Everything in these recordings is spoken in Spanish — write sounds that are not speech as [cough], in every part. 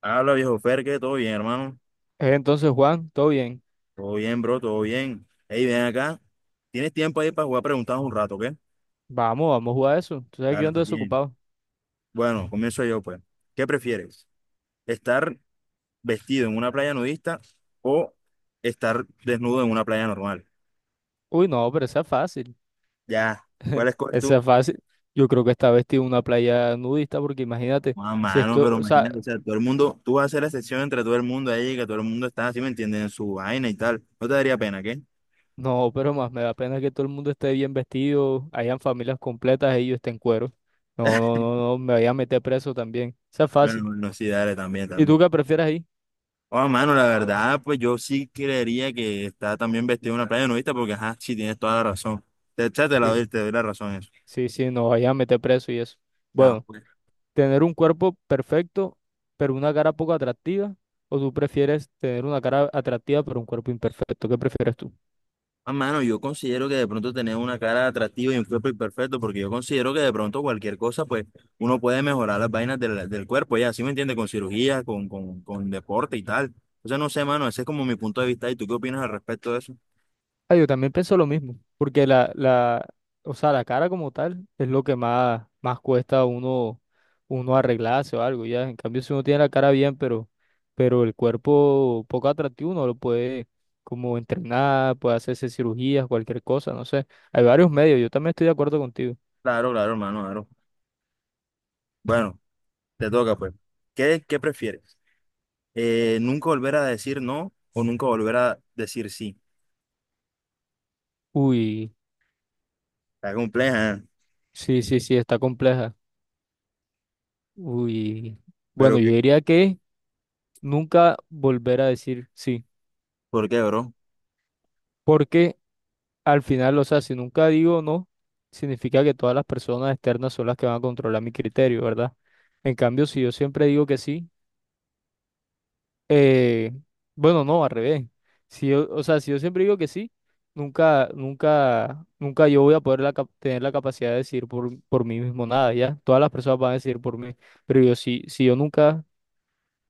Habla viejo Ferque, todo bien, hermano. Entonces, Juan, todo bien. Todo bien, bro, todo bien. Hey, ven acá. ¿Tienes tiempo ahí para jugar preguntas un rato, qué? Vamos a jugar eso. Tú sabes que yo Dale, ando pues bien. desocupado. Bueno, comienzo yo, pues. ¿Qué prefieres? ¿Estar vestido en una playa nudista o estar desnudo en una playa normal? Uy, no, pero esa es fácil. Ya, ¿cuál [laughs] escoges Esa tú? es fácil. Yo creo que esta vez tiene una playa nudista, porque imagínate, Ah, si mano, esto, pero o sea, imagínate, o sea, todo el mundo, tú vas a hacer la excepción entre todo el mundo ahí, que todo el mundo está así, ¿me entiendes? En su vaina y tal. ¿No te daría pena, qué? no, pero más me da pena que todo el mundo esté bien vestido, hayan familias completas y yo esté en cuero. No, no, no, no, me vaya a meter preso también. Esa es Bueno, fácil. no, sí, dale, también, ¿Y tú también. qué prefieres ahí? Oh, mano, la verdad, pues yo sí creería que está también vestido en una playa nudista, porque ajá, sí tienes toda la razón. Ya te la Sí, doy, te doy la razón en eso. sí, sí, nos vayan a meter preso y eso. Ah, Bueno, pues. tener un cuerpo perfecto, pero una cara poco atractiva, o tú prefieres tener una cara atractiva, pero un cuerpo imperfecto. ¿Qué prefieres tú? Ah, mano, yo considero que de pronto tener una cara atractiva y un cuerpo imperfecto, porque yo considero que de pronto cualquier cosa, pues uno puede mejorar las vainas del cuerpo, ya, ¿sí me entiendes? Con cirugía, con deporte y tal. O sea, no sé, mano, ese es como mi punto de vista. ¿Y tú qué opinas al respecto de eso? Ah, yo también pienso lo mismo, porque o sea, la cara como tal es lo que más, más cuesta a uno, uno arreglarse o algo, ya. En cambio, si uno tiene la cara bien, pero el cuerpo poco atractivo, uno lo puede como entrenar, puede hacerse cirugías, cualquier cosa, no sé. Hay varios medios, yo también estoy de acuerdo contigo. Claro, claro, hermano, claro. Bueno, te toca, pues. ¿Qué prefieres? Nunca volver a decir no o nunca volver a decir sí. Uy, Está compleja, ¿eh? sí, sí, sí, está compleja. Uy, Pero bueno, que yo diría que nunca volver a decir sí, ¿Por qué, bro? porque al final, o sea, si nunca digo no, significa que todas las personas externas son las que van a controlar mi criterio, ¿verdad? En cambio, si yo siempre digo que sí, eh, bueno, no, al revés. Si yo, o sea, si yo siempre digo que sí, nunca, nunca, nunca yo voy a poder la tener la capacidad de decir por mí mismo nada, ¿ya? Todas las personas van a decir por mí, pero yo sí, si yo nunca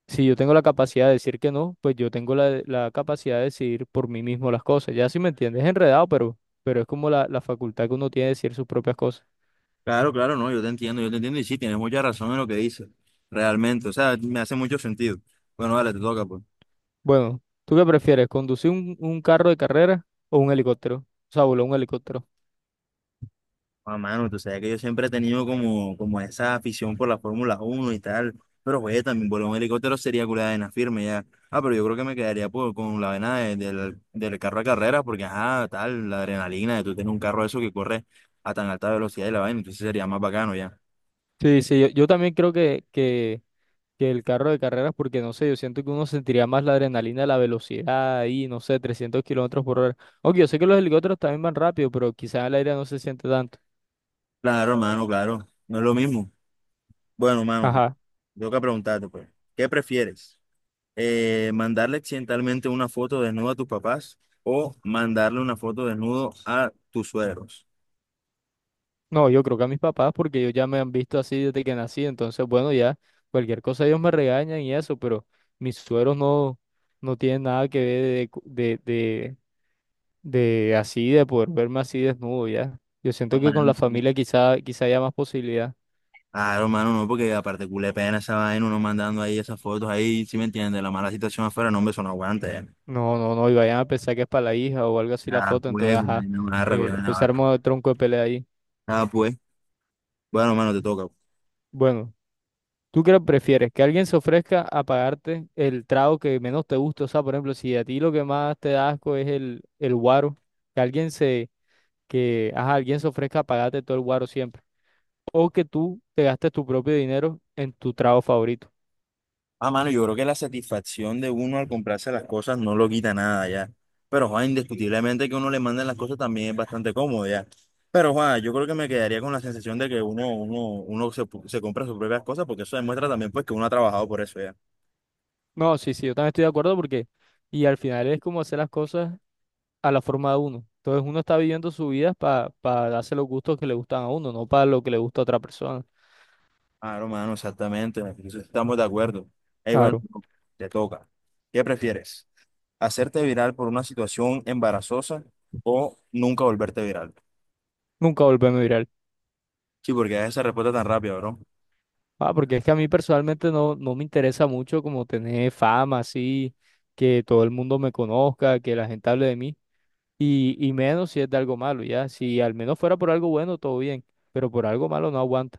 Si yo tengo la capacidad de decir que no, pues yo tengo la capacidad de decidir por mí mismo las cosas. Ya si me entiendes, es enredado, pero es como la facultad que uno tiene de decir sus propias cosas. Claro, claro, no, yo te entiendo y sí, tienes mucha razón en lo que dices, realmente, o sea, me hace mucho sentido. Bueno, vale, te toca, pues. Bueno, ¿tú qué prefieres? ¿Conducir un carro de carrera o un helicóptero? O sea, volar un helicóptero. Ah, mano, tú sabes que yo siempre he tenido como, como esa afición por la Fórmula 1 y tal, pero oye, también volar un helicóptero sería culada de una firme ya. Ah, pero yo creo que me quedaría con la vena del carro de carrera, porque ajá, tal, la adrenalina de tú tener un carro de eso que corre a tan alta velocidad y la vaina, entonces sería más bacano ya. Sí, sí, yo también creo que el carro de carreras, porque no sé, yo siento que uno sentiría más la adrenalina, la velocidad ahí, no sé, 300 kilómetros por hora. Aunque yo sé que los helicópteros también van rápido, pero quizás el aire no se siente tanto. Claro, mano, claro, no es lo mismo. Bueno, mano, Ajá. tengo que preguntarte, pues, ¿qué prefieres? ¿Mandarle accidentalmente una foto desnuda a tus papás o mandarle una foto desnudo a tus suegros? No, yo creo que a mis papás, porque ellos ya me han visto así desde que nací, entonces bueno, ya cualquier cosa ellos me regañan y eso, pero mis sueros no, no tienen nada que ver de así, de poder verme así desnudo ya. Yo siento que con la Romano, sí. familia quizá, quizá haya más posibilidad. Ah, Romano, no, porque aparte culé pena esa vaina, uno mandando ahí esas fotos ahí, ¿si me entiendes? La mala situación afuera, no, hombre, eso no aguanta. No, no, no, y vayan a pensar que es para la hija o algo así la Ah, foto, entonces pues, culé ajá, vaina barra, culé vaina pues se barra. arma el tronco de pelea ahí. Ah, pues, bueno, mano, te toca. Bueno, ¿tú qué prefieres? ¿Que alguien se ofrezca a pagarte el trago que menos te gusta? O sea, por ejemplo, si a ti lo que más te da asco es el guaro, que alguien se, que, ajá, alguien se ofrezca a pagarte todo el guaro siempre. O que tú te gastes tu propio dinero en tu trago favorito. Ah, mano, yo creo que la satisfacción de uno al comprarse las cosas no lo quita nada ya. Pero, Juan, indiscutiblemente que uno le manden las cosas también es bastante cómodo ya. Pero, Juan, yo creo que me quedaría con la sensación de que uno se compra sus propias cosas, porque eso demuestra también, pues, que uno ha trabajado por eso ya. No, sí, sí, yo también estoy de acuerdo porque, y al final es como hacer las cosas a la forma de uno. Entonces uno está viviendo su vida para darse los gustos que le gustan a uno, no para lo que le gusta a otra persona. Ah, hermano, exactamente. En eso estamos de acuerdo. Ey, bueno, Claro, te toca. ¿Qué prefieres? ¿Hacerte viral por una situación embarazosa o nunca volverte viral? nunca volvemos a ir a Sí, porque esa respuesta tan rápida, bro. Ah, porque es que a mí personalmente no, no me interesa mucho como tener fama así, que todo el mundo me conozca, que la gente hable de mí, y menos si es de algo malo, ya. Si al menos fuera por algo bueno, todo bien, pero por algo malo no aguanta.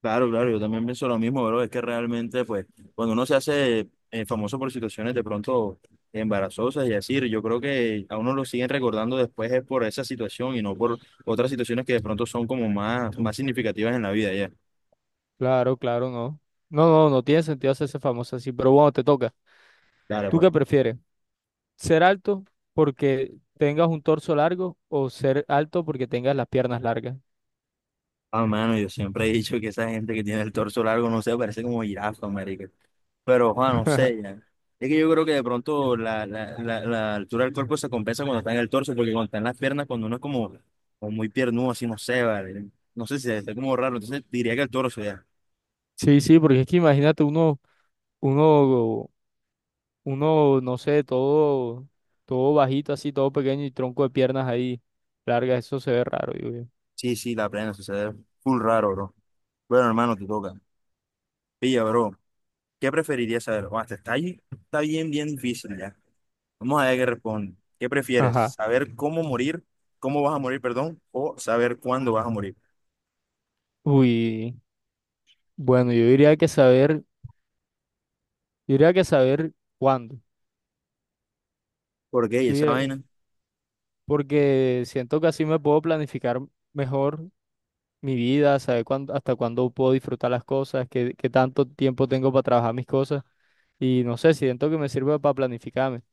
Claro, claro, yo también pienso lo mismo, bro. Es que realmente, pues, cuando uno se hace famoso por situaciones de pronto embarazosas y así, yo creo que a uno lo siguen recordando después es por esa situación y no por otras situaciones que de pronto son como más, más significativas en la vida, ya. Claro, claro, no. No, no, no tiene sentido hacerse famoso así, pero bueno, te toca. Claro, ¿Tú pues. qué prefieres? ¿Ser alto porque tengas un torso largo o ser alto porque tengas las piernas largas? Ah, mano, yo siempre he dicho que esa gente que tiene el torso largo, no sé, parece como jirafa, marica. Pero, Juan, no sé, ya. [laughs] Es que yo creo que de pronto la altura del cuerpo se compensa cuando está en el torso, porque cuando está en las piernas, cuando uno es como, como muy piernudo, así, no sé, vale. No sé si está como raro, entonces diría que el torso, ya. Sí, sí, porque es que imagínate uno Uno, no sé, todo, todo bajito, así, todo pequeño y tronco de piernas ahí largas, eso se ve raro, digo yo. Sí, sí, la plena, sucede full raro, bro. Bueno, hermano, te toca. Pilla, bro, ¿qué preferirías saber? Juan, esta está bien, bien difícil, ya. Vamos a ver qué responde. ¿Qué prefieres? Ajá. ¿Saber cómo vas a morir, perdón, o saber cuándo vas a morir? Uy, bueno, yo diría que saber cuándo. Porque Yo esa diría- vaina. Porque siento que así me puedo planificar mejor mi vida, saber cuándo, hasta cuándo puedo disfrutar las cosas, qué tanto tiempo tengo para trabajar mis cosas. Y no sé, siento que me sirve para planificarme.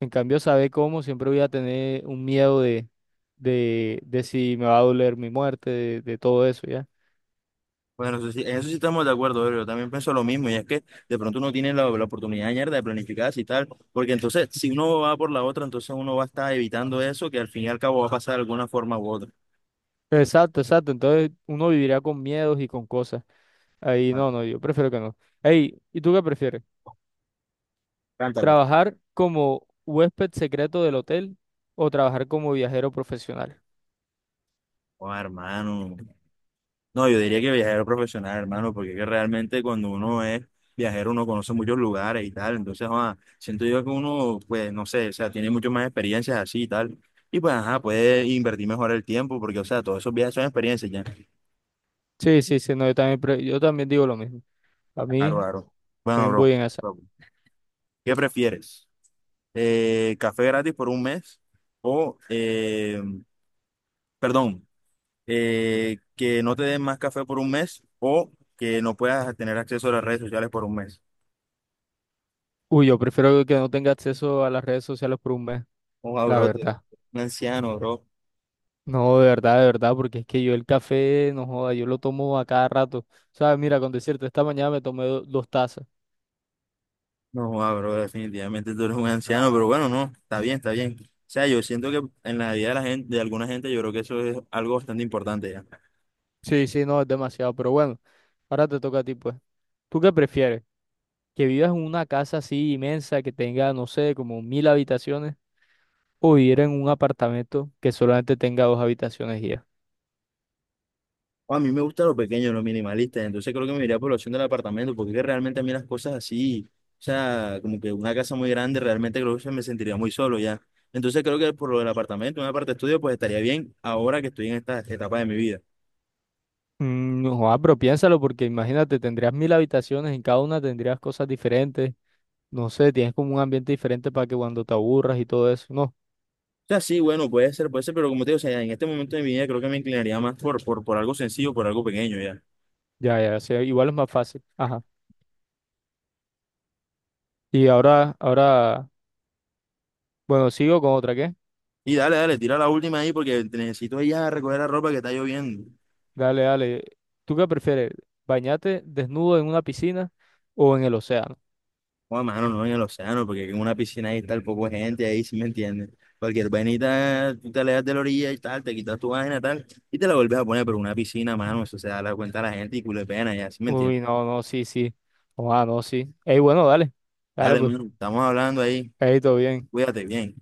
En cambio, saber cómo, siempre voy a tener un miedo de si me va a doler mi muerte, de todo eso, ¿ya? Bueno, en eso sí estamos de acuerdo, bro. Yo también pienso lo mismo, y es que de pronto uno tiene la oportunidad mierda de planificarse y tal, porque entonces, si uno va por la otra, entonces uno va a estar evitando eso, que al fin y al cabo va a pasar de alguna forma u otra. Exacto, exacto. Entonces uno vivirá con miedos y con cosas. Ahí Claro. no, no, yo prefiero que no. Ey, ¿y tú qué prefieres? Cántala. ¿Trabajar como huésped secreto del hotel o trabajar como viajero profesional? Oh, hermano. No, yo diría que viajero profesional, hermano, porque es que realmente cuando uno es viajero uno conoce muchos lugares y tal, entonces, ah, siento yo que uno, pues, no sé, o sea, tiene mucho más experiencias así y tal, y pues, ajá, puede invertir mejor el tiempo, porque, o sea, todos esos viajes son experiencias ya. Sí, sí, sí, no, yo también digo lo mismo. A Claro, mí claro. Bueno, también bro, voy en esa. bro, ¿qué prefieres? ¿Café gratis por un mes? O, perdón, que no te den más café por un mes o que no puedas tener acceso a las redes sociales por un mes. Uy, yo prefiero que no tenga acceso a las redes sociales por un mes, Ojo, la bro, tú eres verdad. un anciano, bro. No, de verdad, porque es que yo el café, no joda, yo lo tomo a cada rato. ¿Sabes? Mira, con decirte, esta mañana me tomé dos tazas. No, joda, bro, definitivamente tú eres un anciano, pero bueno, no, está bien, está bien. O sea, yo siento que en la vida de la gente, de alguna gente, yo creo que eso es algo bastante importante ya. Sí, sí, no, es demasiado, pero bueno, ahora te toca a ti, pues. ¿Tú qué prefieres? ¿Que vivas en una casa así inmensa que tenga, no sé, como 1.000 habitaciones? ¿O vivir en un apartamento que solamente tenga dos habitaciones y ya? O a mí me gusta lo pequeño, lo minimalista, entonces creo que me iría por la opción del apartamento, porque es que realmente a mí las cosas así, o sea, como que una casa muy grande, realmente creo que se me sentiría muy solo ya. Entonces creo que por lo del apartamento, una parte estudio, pues estaría bien ahora que estoy en esta etapa de mi vida. Mm, no, joda, pero piénsalo porque imagínate, tendrías 1.000 habitaciones, en cada una tendrías cosas diferentes. No sé, tienes como un ambiente diferente para que cuando te aburras y todo eso. No, O sea, sí, bueno, puede ser, pero como te digo, o sea, en este momento de mi vida creo que me inclinaría más por algo sencillo, por algo pequeño ya. ya, ya, sí, igual es más fácil. Ajá. Y ahora, ahora, bueno, sigo con otra, ¿qué? Y dale, dale, tira la última ahí porque necesito ir a recoger la ropa que está lloviendo. Dale, dale. ¿Tú qué prefieres? ¿Bañarte desnudo en una piscina o en el océano? Joder, mano, no, en el océano, porque en una piscina ahí está el poco de gente ahí, si me entiendes. Cualquier vainita, tú te alejas de la orilla y tal, te quitas tu vaina tal, y te la vuelves a poner, pero una piscina, mano, eso se da la cuenta a la gente y culo de pena ya, si me entiendes. Uy, no, no, sí, sí. Ah, no, sí. Ey, bueno, dale. Dale, Dale, pues. mano, estamos hablando ahí, Ey, todo bien. cuídate bien.